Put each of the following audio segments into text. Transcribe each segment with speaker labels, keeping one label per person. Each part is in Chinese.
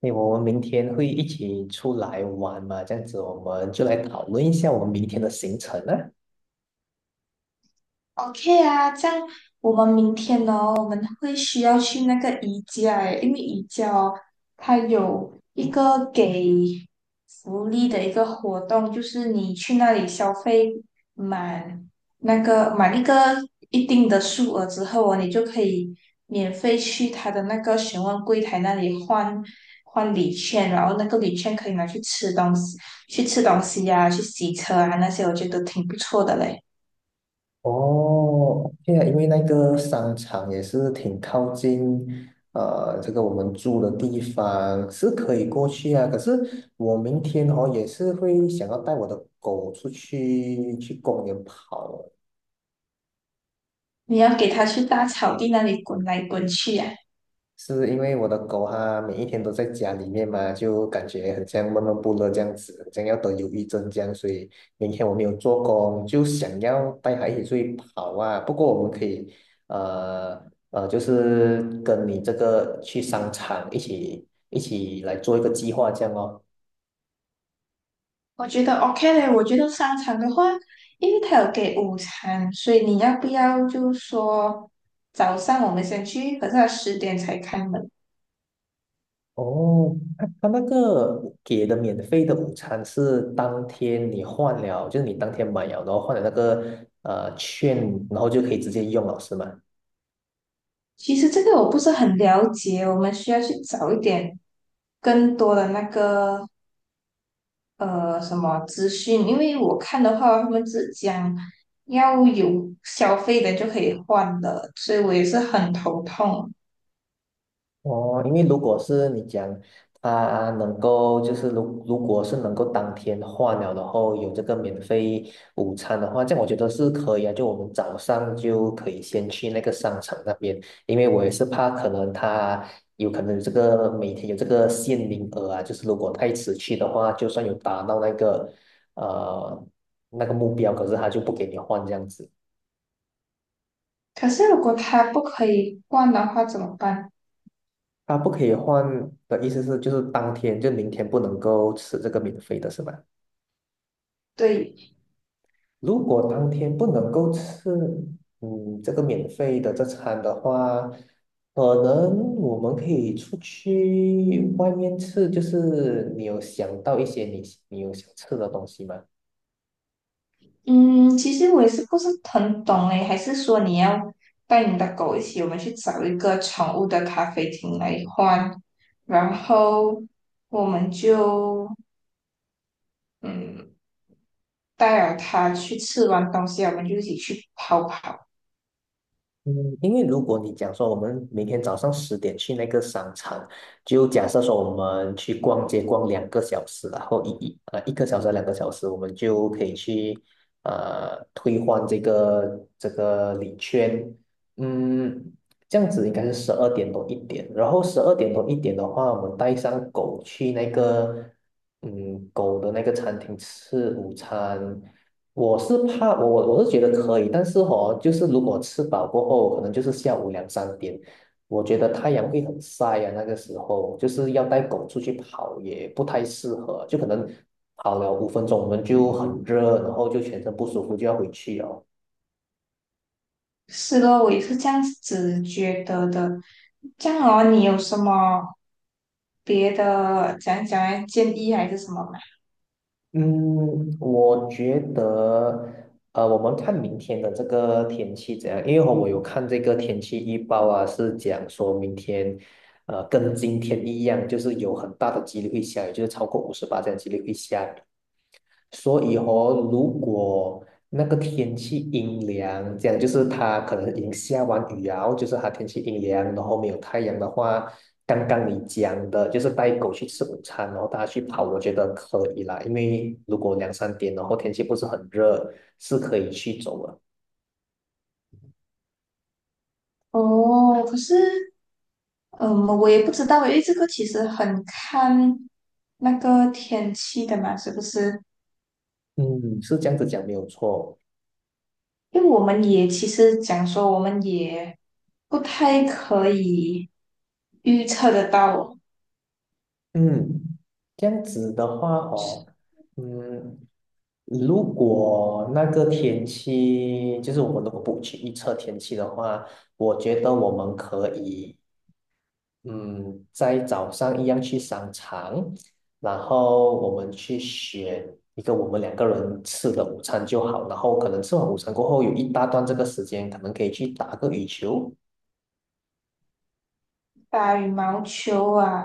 Speaker 1: 因为我们明天会一起出来玩嘛？这样子，我们就来讨论一下我们明天的行程啊。
Speaker 2: OK 啊，这样我们明天呢，我们会需要去那个宜家诶，因为宜家哦，它有一个给福利的一个活动，就是你去那里消费满满一个一定的数额之后哦，你就可以免费去它的那个询问柜台那里换换礼券，然后那个礼券可以拿去吃东西，去吃东西呀、去洗车啊那些，我觉得挺不错的嘞。
Speaker 1: 哦，对啊，因为那个商场也是挺靠近，这个我们住的地方是可以过去啊。可是我明天哦也是会想要带我的狗出去去公园跑啊。
Speaker 2: 你要给他去大草地那里滚来滚去啊，
Speaker 1: 是因为我的狗它每一天都在家里面嘛，就感觉很像闷闷不乐这样子，很像要得忧郁症这样，所以明天我没有做工，就想要带它一起出去跑啊。不过我们可以，呃就是跟你这个去商场一起来做一个计划这样哦。
Speaker 2: 我觉得 OK 嘞。我觉得商场的话，因为他有给午餐，所以你要不要就说早上我们先去，可是它十点才开门。
Speaker 1: 哦，他那个给的免费的午餐是当天你换了，就是你当天买了，然后换了那个券，然后就可以直接用了，是吗？
Speaker 2: 其实这个我不是很了解，我们需要去找一点更多的那个什么资讯，因为我看的话，他们只讲要有消费的就可以换的，所以我也是很头痛。
Speaker 1: 哦，因为如果是你讲他能够，就是如果是能够当天换了，然后有这个免费午餐的话，这样我觉得是可以啊。就我们早上就可以先去那个商场那边，因为我也是怕可能他有可能有这个每天有这个限名额啊，就是如果太迟去的话，就算有达到那个呃那个目标，可是他就不给你换这样子。
Speaker 2: 可是如果它不可以换的话怎么办？
Speaker 1: 他不可以换的意思是，就是当天就明天不能够吃这个免费的是吧？
Speaker 2: 对，
Speaker 1: 如果当天不能够吃，嗯，这个免费的这餐的话，可能我们可以出去外面吃，就是你有想到一些你有想吃的东西吗？
Speaker 2: 嗯，其实我也是不是很懂诶，还是说你要带你的狗一起，我们去找一个宠物的咖啡厅来换，然后我们就嗯带了它去吃完东西，我们就一起去跑跑。
Speaker 1: 嗯，因为如果你讲说我们明天早上十点去那个商场，就假设说我们去逛街逛两个小时啦，然后1个小时两个小时，我们就可以去退换这个礼券，嗯，这样子应该是十二点多一点，然后十二点多一点的话，我们带上狗去那个狗的那个餐厅吃午餐。我是怕我是觉得可以，但是哦，就是如果吃饱过后，可能就是下午两三点，我觉得太阳会很晒啊，那个时候就是要带狗出去跑也不太适合，就可能跑了5分钟我们就很热，然后就全身不舒服就要回去哦。
Speaker 2: 是咯，我也是这样子觉得的。这样哦，你有什么别的建议还是什么吗？
Speaker 1: 嗯，我觉得，我们看明天的这个天气怎样？因为我有看这个天气预报啊，是讲说明天，跟今天一样，就是有很大的几率会下雨，就是超过58这样几率会下雨。所以哦，如果那个天气阴凉，这样就是它可能已经下完雨啊，就是它天气阴凉，然后没有太阳的话，刚刚你讲的就是带狗去吃午餐，然后大家去跑，我觉得可以啦，因为如果两三点，然后天气不是很热，是可以去走的。
Speaker 2: 哦，可是嗯，我也不知道，因为这个其实很看那个天气的嘛，是不是？
Speaker 1: 嗯，是这样子讲没有错。
Speaker 2: 因为我们也其实讲说，我们也不太可以预测得到
Speaker 1: 嗯，这样子的话哦，嗯，如果那个天气，就是我们如果不去预测天气的话，我觉得我们可以，嗯，在早上一样去商场，然后我们去选一个我们两个人吃的午餐就好，然后可能吃完午餐过后有一大段这个时间，可能可以去打个羽球，
Speaker 2: 打羽毛球啊，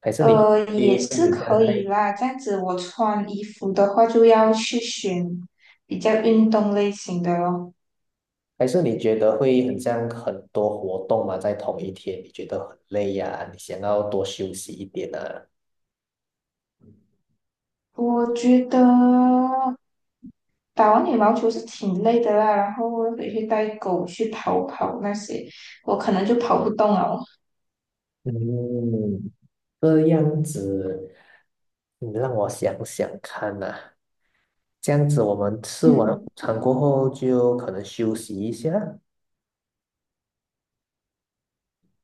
Speaker 1: 还是你
Speaker 2: 也
Speaker 1: 会
Speaker 2: 是
Speaker 1: 有这样
Speaker 2: 可以
Speaker 1: 太，
Speaker 2: 啦。这样子，我穿衣服的话就要去选比较运动类型的咯。
Speaker 1: 还是你觉得会很像很多活动嘛，在同一天，你觉得很累呀、你想要多休息一点啊？
Speaker 2: 我觉得打完羽毛球是挺累的啦，然后我回去带狗去跑跑那些，我可能就跑不动了。
Speaker 1: 嗯，这样子，你让我想想看呐、这样子，我们吃完午
Speaker 2: 嗯，
Speaker 1: 餐过后就可能休息一下，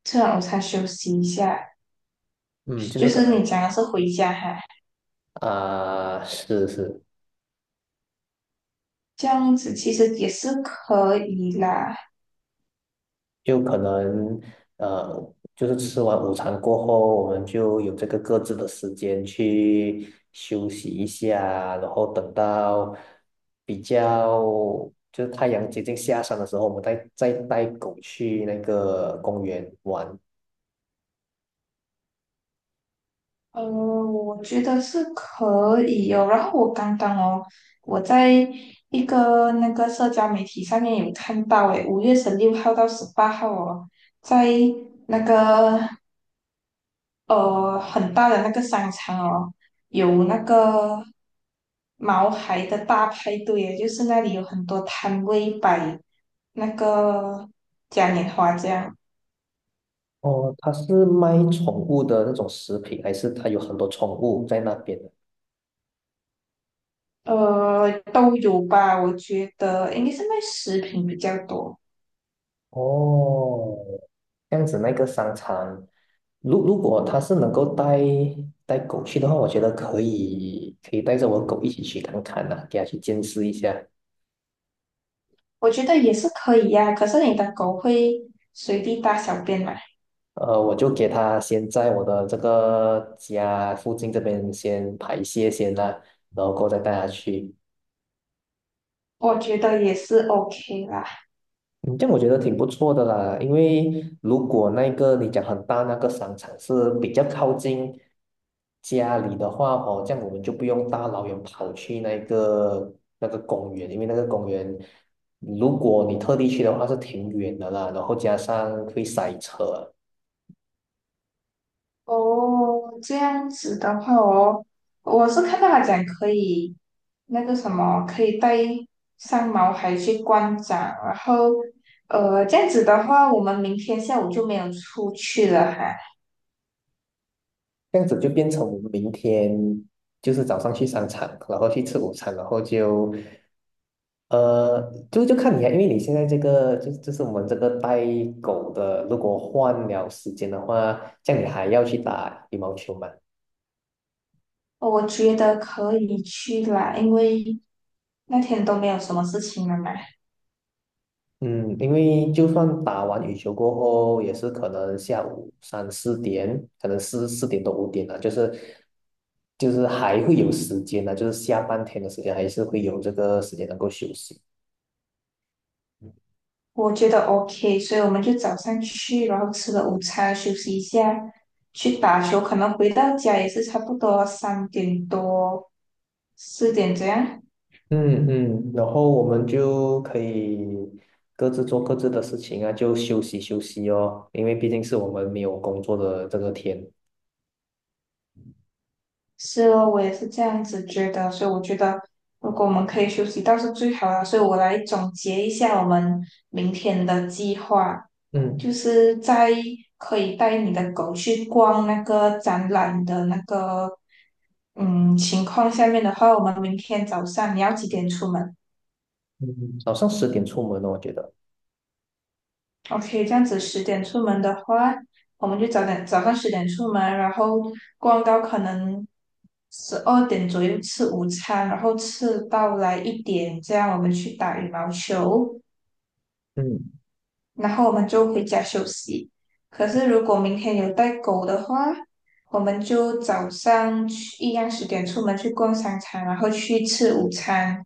Speaker 2: 吃完午餐休息一下，
Speaker 1: 嗯，就
Speaker 2: 就
Speaker 1: 是可
Speaker 2: 是
Speaker 1: 能
Speaker 2: 你讲的是回家哈，
Speaker 1: 啊、是是，
Speaker 2: 这样子其实也是可以啦。
Speaker 1: 就可能呃，就是吃完午餐过后，我们就有这个各自的时间去休息一下，然后等到比较就是太阳接近下山的时候，我们再带狗去那个公园玩。
Speaker 2: 我觉得是可以哦。然后我刚刚哦，我在一个那个社交媒体上面有看到，诶，5月16号到18号哦，在那个很大的那个商场哦，有那个毛孩的大派对耶，就是那里有很多摊位摆那个嘉年华这样，
Speaker 1: 哦，他是卖宠物的那种食品，还是他有很多宠物在那边？
Speaker 2: 都有吧，我觉得应该是卖食品比较多，
Speaker 1: 哦，这样子那个商场，如果他是能够带狗去的话，我觉得可以带着我狗一起去看看呐、给它去见识一下。
Speaker 2: 我觉得也是可以呀、可是你的狗会随地大小便嘛？
Speaker 1: 我就给它先在我的这个家附近这边先排泄先啦、然后过后再带它去。
Speaker 2: 我觉得也是 OK 啦。
Speaker 1: 嗯，这样我觉得挺不错的啦，因为如果那个你讲很大那个商场是比较靠近家里的话哦，这样我们就不用大老远跑去那个公园，因为那个公园如果你特地去的话是挺远的啦，然后加上会塞车。
Speaker 2: 哦，这样子的话哦，我是看到他讲可以那个什么，可以带上毛孩去观展，然后这样子的话，我们明天下午就没有出去了哈。
Speaker 1: 这样子就变成我们明天就是早上去商场，然后去吃午餐，然后就就看你啊，因为你现在这个就是我们这个带狗的，如果换了时间的话，这样你还要去打羽毛球吗？
Speaker 2: 我觉得可以去啦，因为那天都没有什么事情了嘛，
Speaker 1: 嗯，因为就算打完羽球过后，也是可能下午三四点，可能四点多五点了，就是还会有时间呢，就是下半天的时间还是会有这个时间能够休息。
Speaker 2: 我觉得 OK，所以我们就早上去，然后吃了午餐，休息一下，去打球，可能回到家也是差不多3点多、四点这样。
Speaker 1: 嗯嗯，然后我们就可以各自做各自的事情啊，就休息休息哦，因为毕竟是我们没有工作的这个天。
Speaker 2: 是哦，我也是这样子觉得，所以我觉得如果我们可以休息倒是最好了。所以我来总结一下我们明天的计划，
Speaker 1: 嗯
Speaker 2: 就是在可以带你的狗去逛那个展览的那个情况下面的话，我们明天早上你要几点出门？
Speaker 1: 嗯，早上十点出门哦，我觉得。
Speaker 2: OK，这样子十点出门的话，我们就早上十点出门，然后逛到可能12点左右吃午餐，然后吃到来一点，这样我们去打羽毛球，
Speaker 1: 嗯
Speaker 2: 然后我们就回家休息。可是如果明天有带狗的话，我们就早上去一样十点出门去逛商场，然后去吃午餐。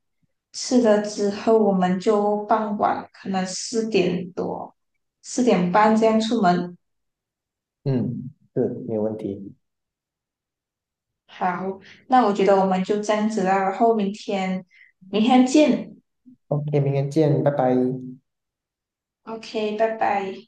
Speaker 2: 吃了之后，我们就傍晚可能4点多、4点半这样出门。
Speaker 1: 嗯，是，没有问题。
Speaker 2: 好，那我觉得我们就这样子啦，然后明天见。
Speaker 1: OK,明天见，拜拜。
Speaker 2: OK，拜拜。